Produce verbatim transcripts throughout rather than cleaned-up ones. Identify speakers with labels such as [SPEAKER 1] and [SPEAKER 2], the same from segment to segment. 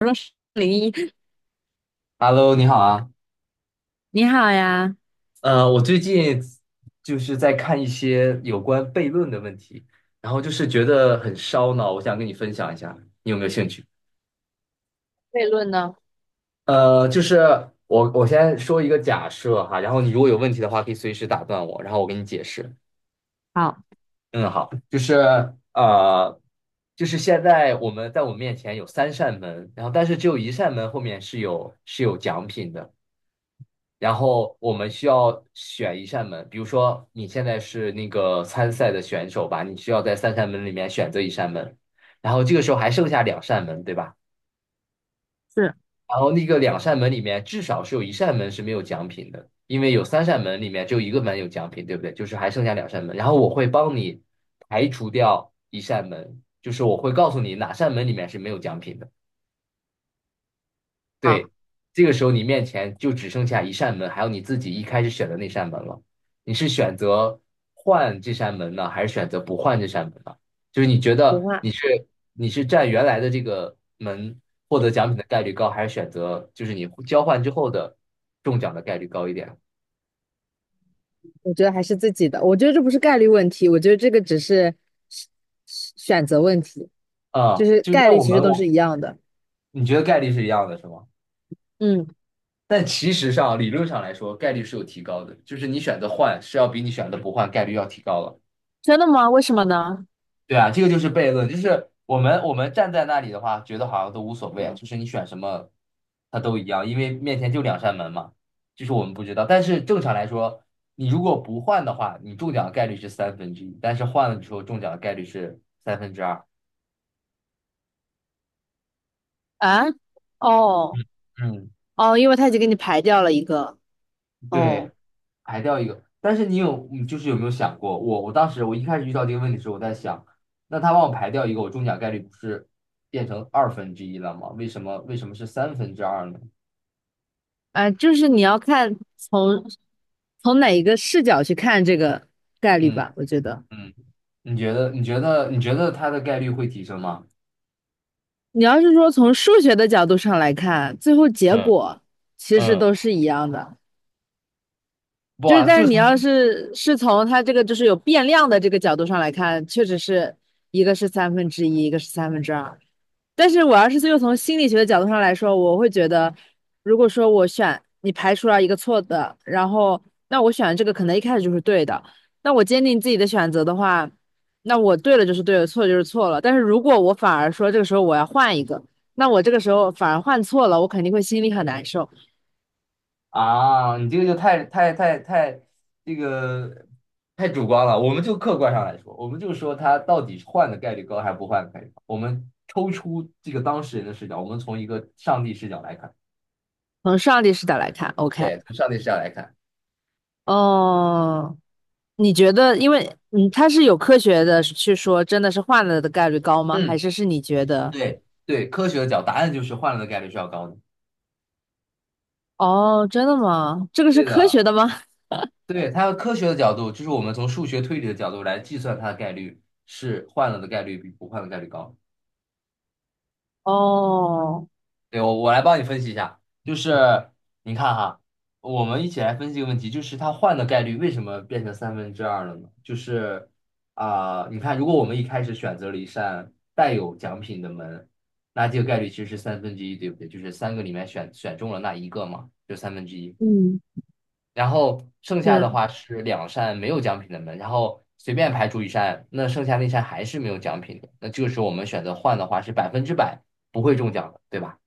[SPEAKER 1] 说是零一，
[SPEAKER 2] Hello，你好啊。
[SPEAKER 1] 你好呀。
[SPEAKER 2] 呃，我最近就是在看一些有关悖论的问题，然后就是觉得很烧脑，我想跟你分享一下，你有没有兴趣？
[SPEAKER 1] 悖论呢？
[SPEAKER 2] 呃，就是我我先说一个假设哈，然后你如果有问题的话，可以随时打断我，然后我给你解释。
[SPEAKER 1] 好，
[SPEAKER 2] 嗯，好，就是呃，就是现在我们在我们面前有三扇门，然后但是只有一扇门后面是有是有奖品的。然后我们需要选一扇门，比如说你现在是那个参赛的选手吧，你需要在三扇门里面选择一扇门，然后这个时候还剩下两扇门，对吧？
[SPEAKER 1] 是，
[SPEAKER 2] 然后那个两扇门里面至少是有一扇门是没有奖品的，因为有三扇门里面只有一个门有奖品，对不对？就是还剩下两扇门，然后我会帮你排除掉一扇门，就是我会告诉你哪扇门里面是没有奖品的。
[SPEAKER 1] 好，
[SPEAKER 2] 对，这个时候你面前就只剩下一扇门，还有你自己一开始选的那扇门了。你是选择换这扇门呢，还是选择不换这扇门呢？就是你觉
[SPEAKER 1] 不
[SPEAKER 2] 得
[SPEAKER 1] 换。
[SPEAKER 2] 你是你是占原来的这个门获得奖品的概率高，还是选择就是你交换之后的中奖的概率高一点？
[SPEAKER 1] 我觉得还是自己的。我觉得这不是概率问题，我觉得这个只是是是选择问题，
[SPEAKER 2] 啊、
[SPEAKER 1] 就是
[SPEAKER 2] 就
[SPEAKER 1] 概
[SPEAKER 2] 那
[SPEAKER 1] 率
[SPEAKER 2] 我
[SPEAKER 1] 其实
[SPEAKER 2] 们
[SPEAKER 1] 都是
[SPEAKER 2] 我
[SPEAKER 1] 一样的。
[SPEAKER 2] 你觉得概率是一样的，是吗？
[SPEAKER 1] 嗯，
[SPEAKER 2] 但其实上理论上来说，概率是有提高的，就是你选择换是要比你选择不换概率要提高了。
[SPEAKER 1] 真的吗？为什么呢？
[SPEAKER 2] 对啊，这个就是悖论，就是我们我们站在那里的话，觉得好像都无所谓，就是你选什么，它都一样，因为面前就两扇门嘛，就是我们不知道。但是正常来说，你如果不换的话，你中奖的概率是三分之一，但是换了之后中奖的概率是三分之二。
[SPEAKER 1] 啊，哦，
[SPEAKER 2] 嗯，
[SPEAKER 1] 哦，因为他已经给你排掉了一个，哦，
[SPEAKER 2] 对，排掉一个。但是你有，你就是有没有想过，我我当时我一开始遇到这个问题的时候，我在想，那他帮我排掉一个，我中奖概率不是变成二分之一了吗？为什么为什么是三分之二呢？
[SPEAKER 1] 哎，就是你要看从从哪一个视角去看这个概率
[SPEAKER 2] 嗯
[SPEAKER 1] 吧，我觉得。
[SPEAKER 2] 嗯。你觉得你觉得你觉得他的概率会提升吗？
[SPEAKER 1] 你要是说从数学的角度上来看，最后结
[SPEAKER 2] 嗯
[SPEAKER 1] 果其实
[SPEAKER 2] 嗯，
[SPEAKER 1] 都是一样的，
[SPEAKER 2] 不
[SPEAKER 1] 就是
[SPEAKER 2] 啊，
[SPEAKER 1] 但是
[SPEAKER 2] 就
[SPEAKER 1] 你
[SPEAKER 2] 从
[SPEAKER 1] 要是是从它这个就是有变量的这个角度上来看，确实是一个是三分之一，一个是三分之二。但是我要是又从心理学的角度上来说，我会觉得，如果说我选你排除了一个错的，然后那我选的这个可能一开始就是对的，那我坚定自己的选择的话，那我对了就是对了，错了就是错了。但是如果我反而说这个时候我要换一个，那我这个时候反而换错了，我肯定会心里很难受。
[SPEAKER 2] 啊，你这个就太太太太这个太主观了。我们就客观上来说，我们就说他到底换的概率高还是不换的概率高。我们抽出这个当事人的视角，我们从一个上帝视角来看，
[SPEAKER 1] 从上帝视角来看，OK，
[SPEAKER 2] 对，从上帝视角来看。
[SPEAKER 1] 哦，你觉得，因为嗯，它是有科学的去说，真的是换了的概率高吗？还
[SPEAKER 2] 嗯，
[SPEAKER 1] 是是你觉得？
[SPEAKER 2] 对对，科学的角，答案就是换了的概率是要高的。
[SPEAKER 1] 哦，真的吗？这个是
[SPEAKER 2] 对
[SPEAKER 1] 科学
[SPEAKER 2] 的，
[SPEAKER 1] 的吗？
[SPEAKER 2] 对，它的科学的角度，就是我们从数学推理的角度来计算它的概率是换了的概率比不换的概率高。
[SPEAKER 1] 哦，
[SPEAKER 2] 对，我我来帮你分析一下，就是你看哈，我们一起来分析一个问题，就是它换的概率为什么变成三分之二了呢？就是啊、你看，如果我们一开始选择了一扇带有奖品的门，那这个概率其实是三分之一，对不对？就是三个里面选选中了那一个嘛，就三分之一。
[SPEAKER 1] 嗯，
[SPEAKER 2] 然后剩下的
[SPEAKER 1] 是，
[SPEAKER 2] 话是两扇没有奖品的门，然后随便排除一扇，那剩下那扇还是没有奖品的。那这个时候我们选择换的话是百分之百不会中奖的，对吧？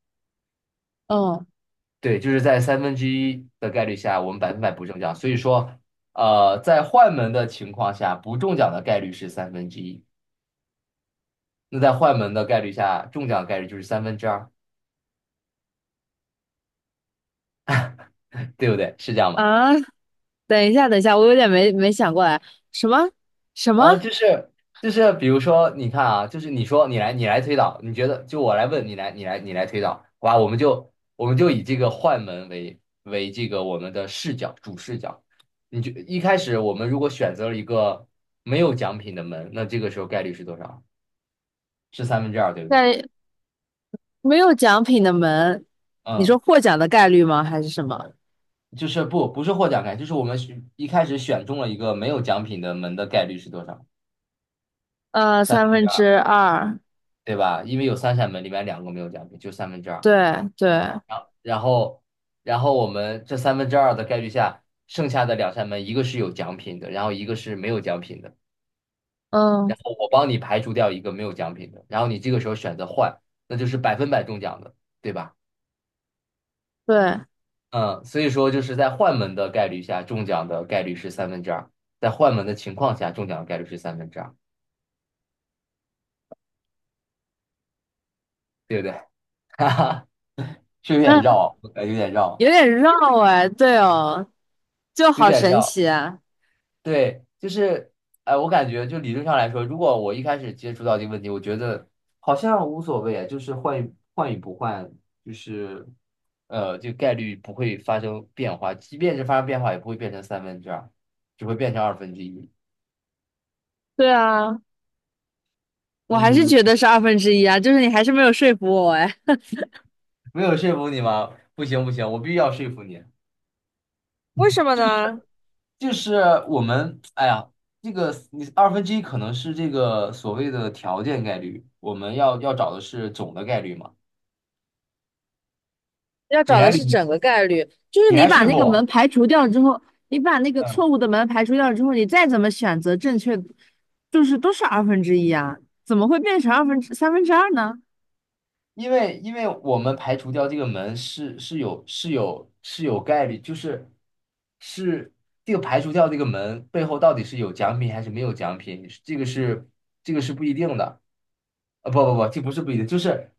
[SPEAKER 1] 哦，
[SPEAKER 2] 对，就是在三分之一的概率下，我们百分百不中奖。所以说，呃，在换门的情况下，不中奖的概率是三分之一，那在换门的概率下，中奖的概率就是三分之二，对不对？是这样吗？
[SPEAKER 1] 啊，等一下，等一下，我有点没没想过来，什么什么，
[SPEAKER 2] 啊，就是就是，比如说，你看啊，就是你说你来你来推导，你觉得就我来问你来你来你来推导，好吧？我们就我们就以这个换门为为这个我们的视角主视角。你就一开始我们如果选择了一个没有奖品的门，那这个时候概率是多少？是三分之二，对不对？
[SPEAKER 1] 在没有奖品的门，你说
[SPEAKER 2] 嗯，
[SPEAKER 1] 获奖的概率吗？还是什么？
[SPEAKER 2] 就是不不是获奖概率，就是我们选一开始选中了一个没有奖品的门的概率是多少？
[SPEAKER 1] 呃，
[SPEAKER 2] 三
[SPEAKER 1] 三
[SPEAKER 2] 分之
[SPEAKER 1] 分
[SPEAKER 2] 二，
[SPEAKER 1] 之二，
[SPEAKER 2] 对吧？因为有三扇门，里面两个没有奖品，就三分之二。
[SPEAKER 1] 对对，
[SPEAKER 2] 然后，然后我们这三分之二的概率下，剩下的两扇门，一个是有奖品的，然后一个是没有奖品的。
[SPEAKER 1] 嗯，
[SPEAKER 2] 然后我帮你排除掉一个没有奖品的，然后你这个时候选择换，那就是百分百中奖的，对吧？
[SPEAKER 1] 对，
[SPEAKER 2] 嗯，所以说就是在换门的概率下，中奖的概率是三分之二，在换门的情况下，中奖的概率是三分之二，对不对？哈哈，是有点
[SPEAKER 1] 嗯，
[SPEAKER 2] 绕，呃有点绕，
[SPEAKER 1] 有点绕哎，对哦，就
[SPEAKER 2] 有
[SPEAKER 1] 好
[SPEAKER 2] 点
[SPEAKER 1] 神
[SPEAKER 2] 绕。
[SPEAKER 1] 奇啊，
[SPEAKER 2] 对，就是，哎，我感觉就理论上来说，如果我一开始接触到这个问题，我觉得好像无所谓啊，就是换与换与不换，就是，呃，这个概率不会发生变化，即便是发生变化，也不会变成三分之二，只会变成二分之一。
[SPEAKER 1] 对啊，我还是
[SPEAKER 2] 嗯，
[SPEAKER 1] 觉得是二分之一啊，就是你还是没有说服我哎，
[SPEAKER 2] 没有说服你吗？不行不行，我必须要说服你。
[SPEAKER 1] 为什么
[SPEAKER 2] 就
[SPEAKER 1] 呢？
[SPEAKER 2] 是就是我们，哎呀，这个你二分之一可能是这个所谓的条件概率，我们要要找的是总的概率嘛。
[SPEAKER 1] 要
[SPEAKER 2] 你
[SPEAKER 1] 找
[SPEAKER 2] 来
[SPEAKER 1] 的是
[SPEAKER 2] 捋。
[SPEAKER 1] 整个概率，就是
[SPEAKER 2] 你
[SPEAKER 1] 你
[SPEAKER 2] 来
[SPEAKER 1] 把
[SPEAKER 2] 说服
[SPEAKER 1] 那个门
[SPEAKER 2] 我。
[SPEAKER 1] 排除掉之后，你把那个
[SPEAKER 2] 嗯，
[SPEAKER 1] 错误的门排除掉之后，你再怎么选择正确，就是都是二分之一啊，怎么会变成二分之三分之二呢？
[SPEAKER 2] 因为因为我们排除掉这个门是是有是有是有概率，就是是这个排除掉这个门背后到底是有奖品还是没有奖品，这个是这个是不一定的，啊不不不，这不是不一定，就是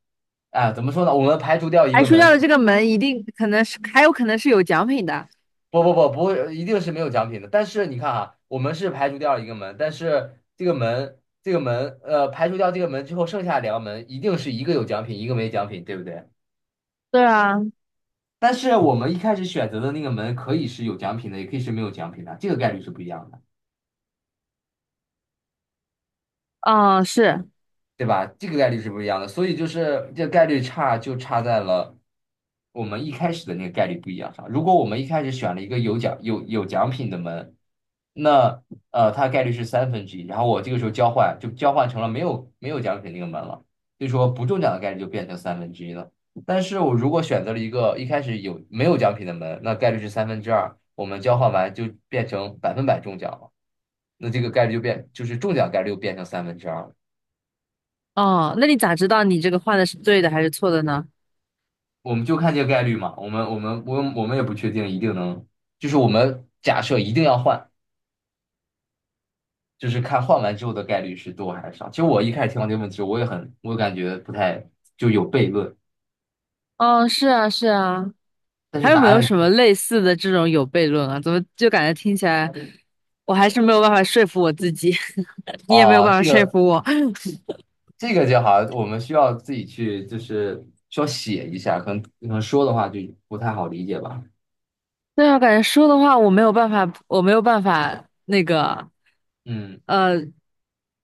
[SPEAKER 2] 啊怎么说呢？我们排除掉一
[SPEAKER 1] 排
[SPEAKER 2] 个
[SPEAKER 1] 除掉
[SPEAKER 2] 门，
[SPEAKER 1] 的这个门一定可能是还有可能是有奖品的。
[SPEAKER 2] 不不不不会，一定是没有奖品的。但是你看啊，我们是排除掉一个门，但是这个门这个门呃排除掉这个门之后，剩下两个门一定是一个有奖品，一个没奖品，对不对？
[SPEAKER 1] 对啊，
[SPEAKER 2] 但是我们一开始选择的那个门可以是有奖品的，也可以是没有奖品的，这个概率是不一样的。
[SPEAKER 1] 哦是，
[SPEAKER 2] 对吧？这个概率是不一样的，所以就是这个概率差就差在了我们一开始的那个概率不一样上。如果我们一开始选了一个有奖有有奖品的门，那呃它概率是三分之一，然后我这个时候交换就交换成了没有没有奖品那个门了，所以说不中奖的概率就变成三分之一了。但是我如果选择了一个一开始有没有奖品的门，那概率是三分之二，我们交换完就变成百分百中奖了，那这个概率就变就是中奖概率又变成三分之二了。
[SPEAKER 1] 哦，那你咋知道你这个换的是对的还是错的呢？
[SPEAKER 2] 我们就看这个概率嘛，我们我们我们我们也不确定一定能，就是我们假设一定要换，就是看换完之后的概率是多还是少。其实我一开始听到这个问题，我也很，我感觉不太就有悖论，
[SPEAKER 1] 哦，是啊是啊，
[SPEAKER 2] 但是
[SPEAKER 1] 还有
[SPEAKER 2] 答
[SPEAKER 1] 没有
[SPEAKER 2] 案
[SPEAKER 1] 什么类似的这种有悖论啊？怎么就感觉听起来我还是没有办法说服我自己，你也没有
[SPEAKER 2] 啊、
[SPEAKER 1] 办法
[SPEAKER 2] 这
[SPEAKER 1] 说
[SPEAKER 2] 个
[SPEAKER 1] 服我。
[SPEAKER 2] 这个就好像我们需要自己去就是需要写一下，可能可能说的话就不太好理解吧。
[SPEAKER 1] 对啊，感觉说的话我没有办法，我没有办法那个，
[SPEAKER 2] 嗯。
[SPEAKER 1] 呃，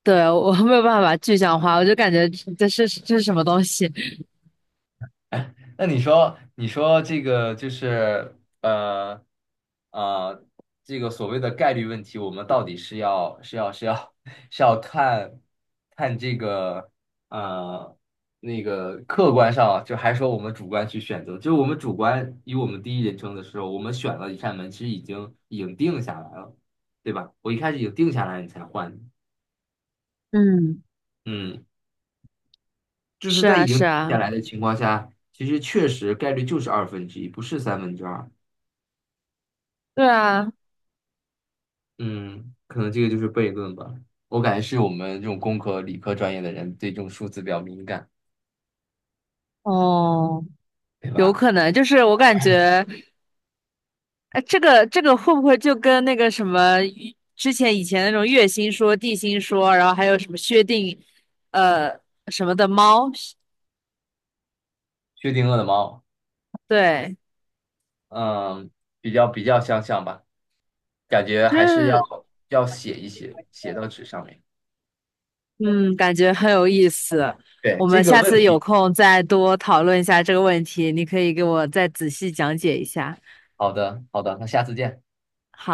[SPEAKER 1] 对，我 没有办法具象化，我就感觉这是这是什么东西？
[SPEAKER 2] 那你说，你说这个就是呃呃，这个所谓的概率问题，我们到底是要是要是要 是要看看这个呃那个客观上啊，就还说我们主观去选择，就是我们主观以我们第一人称的时候，我们选了一扇门，其实已经已经定下来了，对吧？我一开始已经定下来，你才换，
[SPEAKER 1] 嗯，
[SPEAKER 2] 嗯，就是
[SPEAKER 1] 是
[SPEAKER 2] 在已
[SPEAKER 1] 啊，
[SPEAKER 2] 经
[SPEAKER 1] 是
[SPEAKER 2] 定
[SPEAKER 1] 啊，
[SPEAKER 2] 下来的情况下，其实确实概率就是二分之一，不是三分之二。
[SPEAKER 1] 对啊，
[SPEAKER 2] 嗯，可能这个就是悖论吧。我感觉是我们这种工科、理科专业的人对这种数字比较敏感，
[SPEAKER 1] 哦，
[SPEAKER 2] 对
[SPEAKER 1] 有
[SPEAKER 2] 吧？
[SPEAKER 1] 可能，就是我感觉，哎，这个这个会不会就跟那个什么之前以前那种月心说、地心说，然后还有什么薛定，呃，什么的猫，
[SPEAKER 2] 薛定谔的猫，
[SPEAKER 1] 对，
[SPEAKER 2] 嗯，比较比较相像吧，感觉
[SPEAKER 1] 就
[SPEAKER 2] 还是要
[SPEAKER 1] 是。
[SPEAKER 2] 要写一写，写到纸上面。
[SPEAKER 1] 嗯，感觉很有意思。
[SPEAKER 2] 对，
[SPEAKER 1] 我
[SPEAKER 2] 这
[SPEAKER 1] 们
[SPEAKER 2] 个
[SPEAKER 1] 下
[SPEAKER 2] 问
[SPEAKER 1] 次有
[SPEAKER 2] 题，
[SPEAKER 1] 空再多讨论一下这个问题，你可以给我再仔细讲解一下。
[SPEAKER 2] 好的好的，那下次见。
[SPEAKER 1] 好。